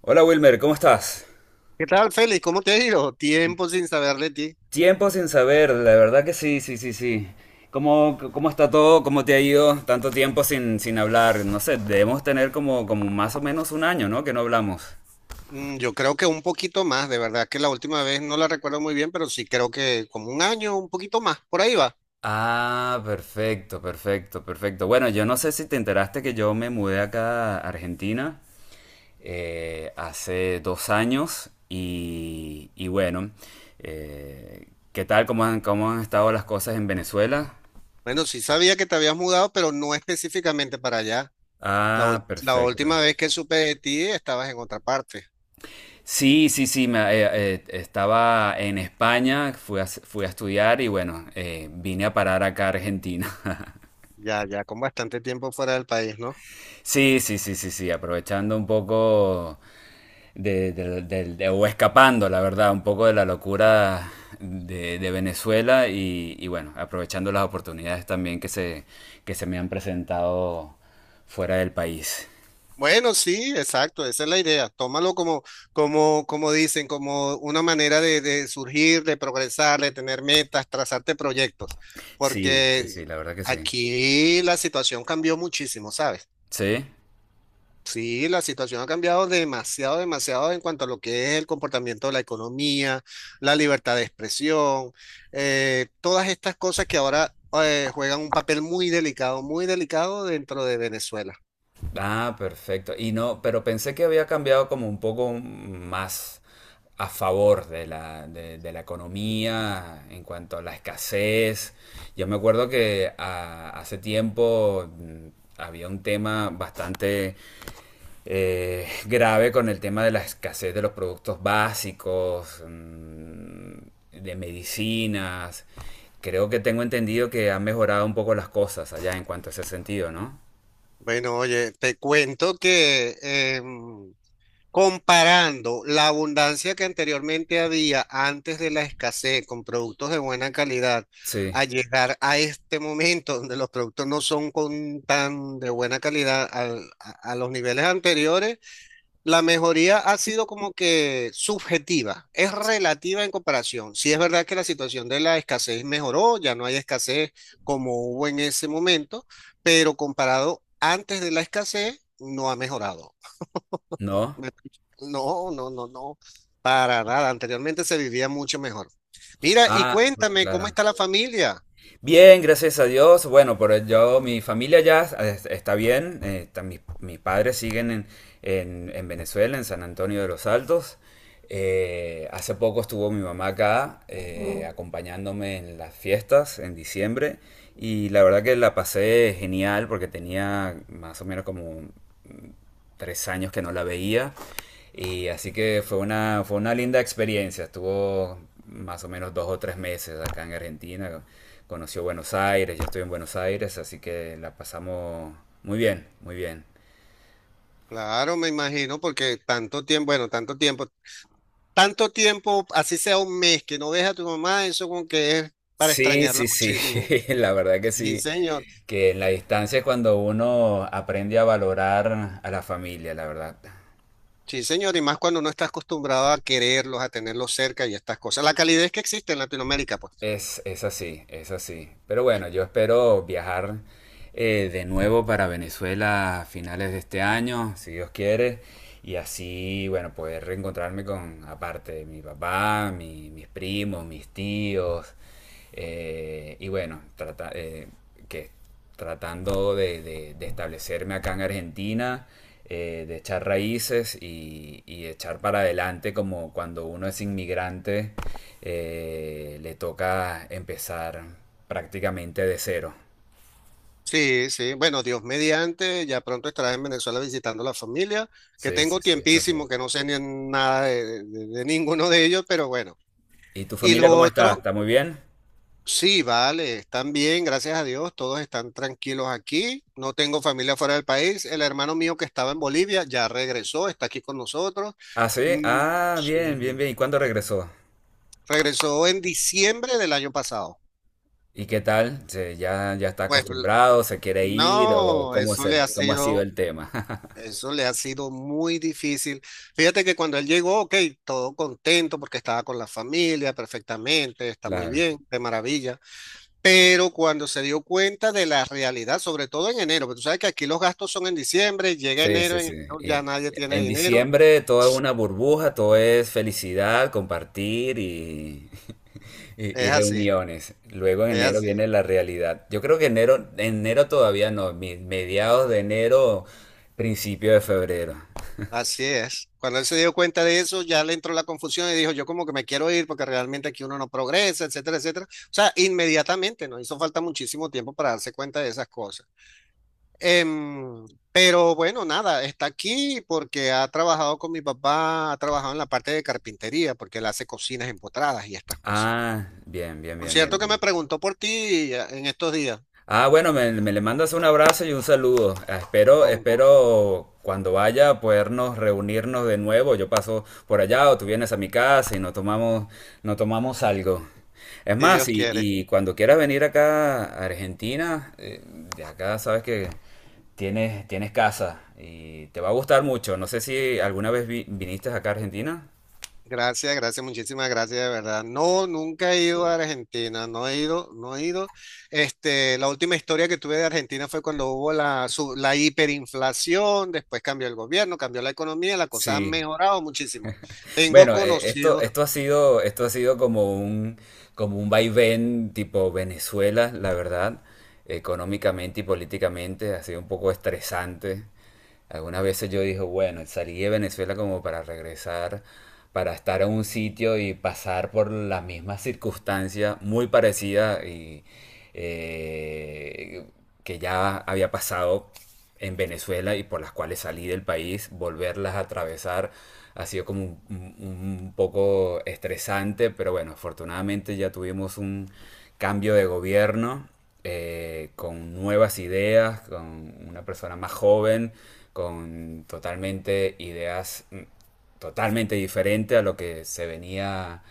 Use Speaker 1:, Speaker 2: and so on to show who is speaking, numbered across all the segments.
Speaker 1: Hola Wilmer, ¿cómo estás?
Speaker 2: ¿Qué tal, Félix? ¿Cómo te ha ido? Tiempo sin saber de ti.
Speaker 1: Tiempo sin saber, la verdad que sí, sí, sí, sí. ¿Cómo está todo? ¿Cómo te ha ido tanto tiempo sin hablar? No sé, debemos tener como más o menos un año, ¿no? Que no hablamos.
Speaker 2: Yo creo que un poquito más, de verdad que la última vez no la recuerdo muy bien, pero sí creo que como un año, un poquito más, por ahí va.
Speaker 1: Ah, perfecto, perfecto, perfecto. Bueno, yo no sé si te enteraste que yo me mudé acá a Argentina hace dos años y bueno, eh, ¿qué tal? ¿Cómo han estado las cosas en Venezuela?
Speaker 2: Bueno, sí sabía que te habías mudado, pero no específicamente para allá.
Speaker 1: Ah,
Speaker 2: La última
Speaker 1: perfecto.
Speaker 2: vez que supe de ti estabas en otra parte.
Speaker 1: Sí, sí, sí, estaba en España, fui a estudiar y bueno, vine a parar acá a Argentina.
Speaker 2: Ya, ya con bastante tiempo fuera del país, ¿no?
Speaker 1: Sí, sí, sí, sí, sí, aprovechando un poco o escapando, la verdad, un poco de la locura de Venezuela y bueno, aprovechando las oportunidades también que se me han presentado fuera del país.
Speaker 2: Bueno, sí, exacto, esa es la idea. Tómalo como dicen, como una manera de surgir, de progresar, de tener metas, trazarte proyectos,
Speaker 1: Sí, sí, sí,
Speaker 2: porque
Speaker 1: la verdad que sí.
Speaker 2: aquí la situación cambió muchísimo, ¿sabes?
Speaker 1: Sí.
Speaker 2: Sí, la situación ha cambiado demasiado, demasiado en cuanto a lo que es el comportamiento de la economía, la libertad de expresión, todas estas cosas que ahora juegan un papel muy delicado dentro de Venezuela.
Speaker 1: Ah, perfecto. Y no, pero pensé que había cambiado como un poco más a favor de de la economía en cuanto a la escasez. Yo me acuerdo que hace tiempo había un tema bastante grave con el tema de la escasez de los productos básicos, de medicinas. Creo que tengo entendido que han mejorado un poco las cosas allá en cuanto a ese sentido, ¿no?
Speaker 2: Bueno, oye, te cuento que comparando la abundancia que anteriormente había antes de la escasez con productos de buena calidad, a
Speaker 1: Sí.
Speaker 2: llegar a este momento donde los productos no son con tan de buena calidad a los niveles anteriores. La mejoría ha sido como que subjetiva, es relativa en comparación. Sí es verdad que la situación de la escasez mejoró, ya no hay escasez como hubo en ese momento, pero comparado antes de la escasez, no ha mejorado.
Speaker 1: ¿No?
Speaker 2: Me- No, no, no, no, para nada. Anteriormente se vivía mucho mejor. Mira, y
Speaker 1: Ah,
Speaker 2: cuéntame, ¿cómo
Speaker 1: claro.
Speaker 2: está la familia?
Speaker 1: Bien, gracias a Dios. Bueno, pero yo, mi familia está bien. Mis padres siguen en Venezuela, en San Antonio de los Altos. Hace poco estuvo mi mamá acá acompañándome en las fiestas en diciembre y la verdad que la pasé genial porque tenía más o menos como tres años que no la veía. Y así que fue una linda experiencia. Estuvo más o menos dos o tres meses acá en Argentina. Conoció Buenos Aires, yo estoy en Buenos Aires, así que la pasamos muy bien, muy bien.
Speaker 2: Claro, me imagino, porque tanto tiempo, bueno, tanto tiempo. Tanto tiempo, así sea un mes, que no ves a tu mamá, eso como que es para
Speaker 1: Sí,
Speaker 2: extrañarla
Speaker 1: sí, sí,
Speaker 2: muchísimo.
Speaker 1: la verdad que
Speaker 2: Sí,
Speaker 1: sí,
Speaker 2: señor.
Speaker 1: que en la distancia es cuando uno aprende a valorar a la familia, la verdad.
Speaker 2: Sí, señor. Y más cuando no estás acostumbrado a quererlos, a tenerlos cerca y estas cosas. La calidez que existe en Latinoamérica, pues.
Speaker 1: Es así, es así. Pero bueno, yo espero viajar de nuevo para Venezuela a finales de este año, si Dios quiere, y así, bueno, poder reencontrarme con, aparte de mi papá, mis primos, mis tíos, eh, y bueno, trata, eh, que tratando de, de establecerme acá en Argentina, de echar raíces y echar para adelante como cuando uno es inmigrante, le toca empezar prácticamente de cero.
Speaker 2: Sí, sí. Bueno, Dios mediante, ya pronto estarás en Venezuela visitando a la familia, que
Speaker 1: Sí, sí,
Speaker 2: tengo
Speaker 1: sí, eso sí.
Speaker 2: tiempísimo, que no sé ni nada de, de ninguno de ellos, pero bueno.
Speaker 1: ¿Y tu
Speaker 2: Y
Speaker 1: familia
Speaker 2: lo
Speaker 1: cómo está?
Speaker 2: otro,
Speaker 1: ¿Está muy bien?
Speaker 2: sí, vale, están bien, gracias a Dios, todos están tranquilos aquí. No tengo familia fuera del país. El hermano mío que estaba en Bolivia ya regresó, está aquí con nosotros.
Speaker 1: Ah, sí.
Speaker 2: Mm,
Speaker 1: Ah, bien,
Speaker 2: sí,
Speaker 1: bien, bien. ¿Y cuándo regresó?
Speaker 2: Regresó en diciembre del año pasado.
Speaker 1: ¿Y qué tal? ¿Ya está
Speaker 2: Pues l-
Speaker 1: acostumbrado? ¿Se quiere ir? ¿O
Speaker 2: no,
Speaker 1: cómo es
Speaker 2: eso le ha
Speaker 1: cómo ha sido
Speaker 2: sido,
Speaker 1: el tema?
Speaker 2: eso le ha sido muy difícil. Fíjate que cuando él llegó, ok, todo contento porque estaba con la familia perfectamente, está muy
Speaker 1: Claro,
Speaker 2: bien, de maravilla. Pero cuando se dio cuenta de la realidad, sobre todo en enero, porque tú sabes que aquí los gastos son en diciembre, llega
Speaker 1: sí,
Speaker 2: enero,
Speaker 1: sí,
Speaker 2: en
Speaker 1: sí.
Speaker 2: enero ya
Speaker 1: Y
Speaker 2: nadie tiene
Speaker 1: en
Speaker 2: dinero.
Speaker 1: diciembre todo es una burbuja, todo es felicidad, y
Speaker 2: Es así,
Speaker 1: reuniones. Luego en
Speaker 2: es
Speaker 1: enero viene
Speaker 2: así,
Speaker 1: la realidad. Yo creo que enero todavía no, mediados de enero, principio de febrero.
Speaker 2: así es. Cuando él se dio cuenta de eso, ya le entró la confusión y dijo, yo como que me quiero ir porque realmente aquí uno no progresa, etcétera, etcétera. O sea, inmediatamente, nos hizo falta muchísimo tiempo para darse cuenta de esas cosas. Em, pero bueno, nada, está aquí porque ha trabajado con mi papá, ha trabajado en la parte de carpintería, porque él hace cocinas empotradas y estas cosas.
Speaker 1: Ah, bien, bien,
Speaker 2: Por
Speaker 1: bien, bien,
Speaker 2: cierto que me
Speaker 1: bien.
Speaker 2: preguntó por ti en estos días,
Speaker 1: Ah, bueno, me le mandas un abrazo y un saludo. Ah, espero,
Speaker 2: con,
Speaker 1: espero cuando vaya a podernos reunirnos de nuevo. Yo paso por allá o tú vienes a mi casa y no tomamos algo. Es
Speaker 2: si Dios
Speaker 1: más,
Speaker 2: quiere.
Speaker 1: y cuando quieras venir acá a Argentina, de acá sabes que tienes casa y te va a gustar mucho. No sé si alguna vez viniste acá a Argentina.
Speaker 2: Gracias, gracias, muchísimas gracias, de verdad. No, nunca he ido a Argentina, no he ido, no he ido. Este, la última historia que tuve de Argentina fue cuando hubo la hiperinflación, después cambió el gobierno, cambió la economía, las cosas han
Speaker 1: Sí.
Speaker 2: mejorado muchísimo. Tengo
Speaker 1: Bueno,
Speaker 2: conocidos,
Speaker 1: esto ha sido como como un vaivén tipo Venezuela, la verdad, económicamente y políticamente, ha sido un poco estresante algunas veces. Yo dije, bueno, salí de Venezuela como para regresar, para estar en un sitio y pasar por las mismas circunstancias muy parecidas y eh, que ya había pasado en Venezuela y por las cuales salí del país. Volverlas a atravesar ha sido como un poco estresante, pero bueno, afortunadamente ya tuvimos un cambio de gobierno con nuevas ideas, con una persona más joven con totalmente ideas totalmente diferentes a lo que se venía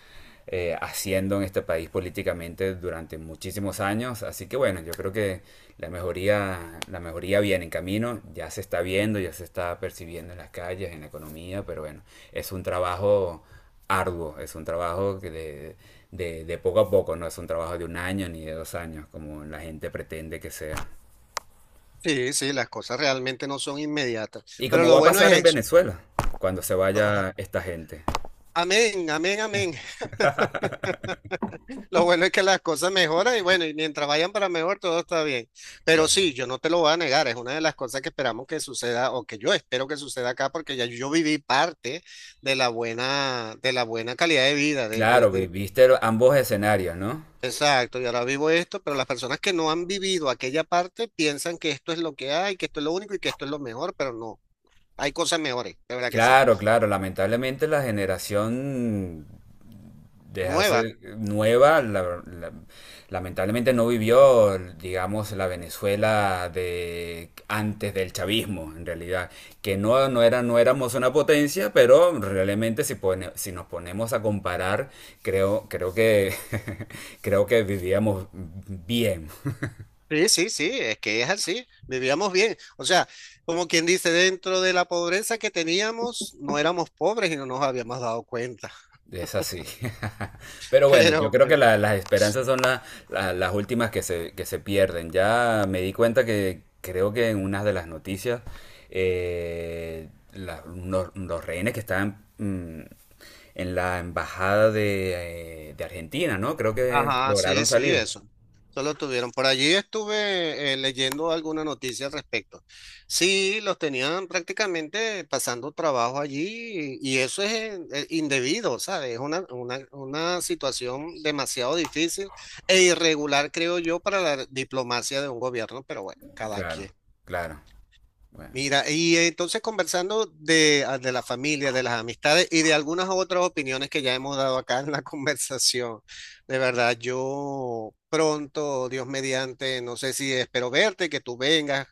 Speaker 1: haciendo en este país políticamente durante muchísimos años. Así que bueno, yo creo que la mejoría viene en camino, ya se está viendo, ya se está percibiendo en las calles, en la economía, pero bueno, es un trabajo arduo, es un trabajo de poco a poco, no es un trabajo de un año ni de dos años, como la gente pretende que sea.
Speaker 2: sí, sí, las cosas realmente no son inmediatas,
Speaker 1: Y
Speaker 2: pero
Speaker 1: como
Speaker 2: lo
Speaker 1: va a
Speaker 2: bueno
Speaker 1: pasar en
Speaker 2: es eso.
Speaker 1: Venezuela, cuando se vaya esta gente.
Speaker 2: Amén, amén, amén. Lo bueno es que las cosas mejoran y bueno, y mientras vayan para mejor, todo está bien. Pero
Speaker 1: Claro.
Speaker 2: sí, yo no te lo voy a negar, es una de las cosas que esperamos que suceda o que yo espero que suceda acá porque ya yo viví parte de la buena calidad de vida, de, de,
Speaker 1: Claro,
Speaker 2: de-
Speaker 1: viste ambos escenarios, ¿no?
Speaker 2: Exacto, y ahora vivo esto, pero las personas que no han vivido aquella parte piensan que esto es lo que hay, que esto es lo único y que esto es lo mejor, pero no, hay cosas mejores, de verdad que sí.
Speaker 1: Claro, claro, lamentablemente la generación de
Speaker 2: Nuevas.
Speaker 1: hace nueva, lamentablemente no vivió, digamos, la Venezuela de antes del chavismo, en realidad, que no, no era, no éramos una potencia, pero realmente si, si nos ponemos a comparar, creo que, creo que vivíamos bien.
Speaker 2: Sí, sí, sí, es que es así, vivíamos bien. O sea, como quien dice, dentro de la pobreza que teníamos, no éramos pobres y no nos habíamos dado cuenta.
Speaker 1: Es así. Pero bueno, yo
Speaker 2: Pero,
Speaker 1: creo que
Speaker 2: bueno,
Speaker 1: las esperanzas son las últimas que se pierden. Ya me di cuenta que creo que en una de las noticias, los rehenes que estaban en la embajada de Argentina, ¿no? Creo que
Speaker 2: ajá, sí,
Speaker 1: lograron
Speaker 2: sí,
Speaker 1: salir.
Speaker 2: eso. Solo tuvieron. Por allí estuve leyendo alguna noticia al respecto. Sí, los tenían prácticamente pasando trabajo allí y eso es indebido, ¿sabes? Es una situación demasiado difícil e irregular, creo yo, para la diplomacia de un gobierno, pero bueno, cada
Speaker 1: Claro,
Speaker 2: quien.
Speaker 1: claro. Bueno.
Speaker 2: Mira, y entonces conversando de, ah, de la familia, de las amistades y de algunas otras opiniones que ya hemos dado acá en la conversación, de verdad, yo pronto, Dios mediante, no sé si espero verte, que tú vengas,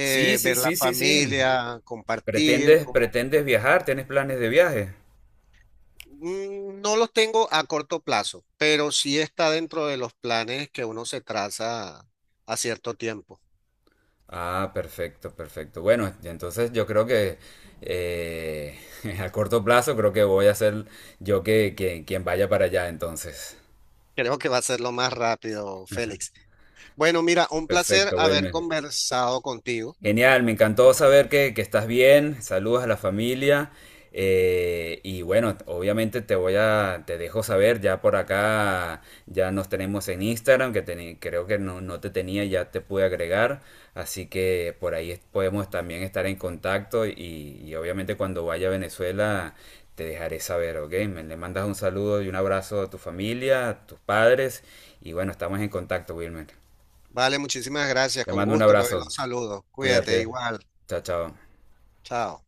Speaker 1: Sí, sí,
Speaker 2: ver la
Speaker 1: sí, sí, sí.
Speaker 2: familia, compartir.
Speaker 1: ¿Pretendes viajar? ¿Tienes planes de viaje?
Speaker 2: No los tengo a corto plazo, pero sí está dentro de los planes que uno se traza a cierto tiempo.
Speaker 1: Ah, perfecto, perfecto. Bueno, y entonces yo creo que eh, a corto plazo creo que voy a ser yo quien vaya para allá entonces.
Speaker 2: Creo que va a ser lo más rápido, Félix. Bueno, mira, un placer
Speaker 1: Perfecto,
Speaker 2: haber
Speaker 1: Wilmer.
Speaker 2: conversado contigo.
Speaker 1: Genial, me encantó saber que estás bien. Saludos a la familia. Y bueno, obviamente te dejo saber, ya por acá ya nos tenemos en Instagram, creo que no, no te tenía, ya te pude agregar. Así que por ahí podemos también estar en contacto y obviamente cuando vaya a Venezuela te dejaré saber, ¿ok? Me le mandas un saludo y un abrazo a tu familia, a tus padres. Y bueno, estamos en contacto, Wilmer.
Speaker 2: Vale, muchísimas gracias.
Speaker 1: Te
Speaker 2: Con
Speaker 1: mando un
Speaker 2: gusto, los
Speaker 1: abrazo.
Speaker 2: saludos. Cuídate
Speaker 1: Cuídate.
Speaker 2: igual.
Speaker 1: Chao, chao.
Speaker 2: Chao.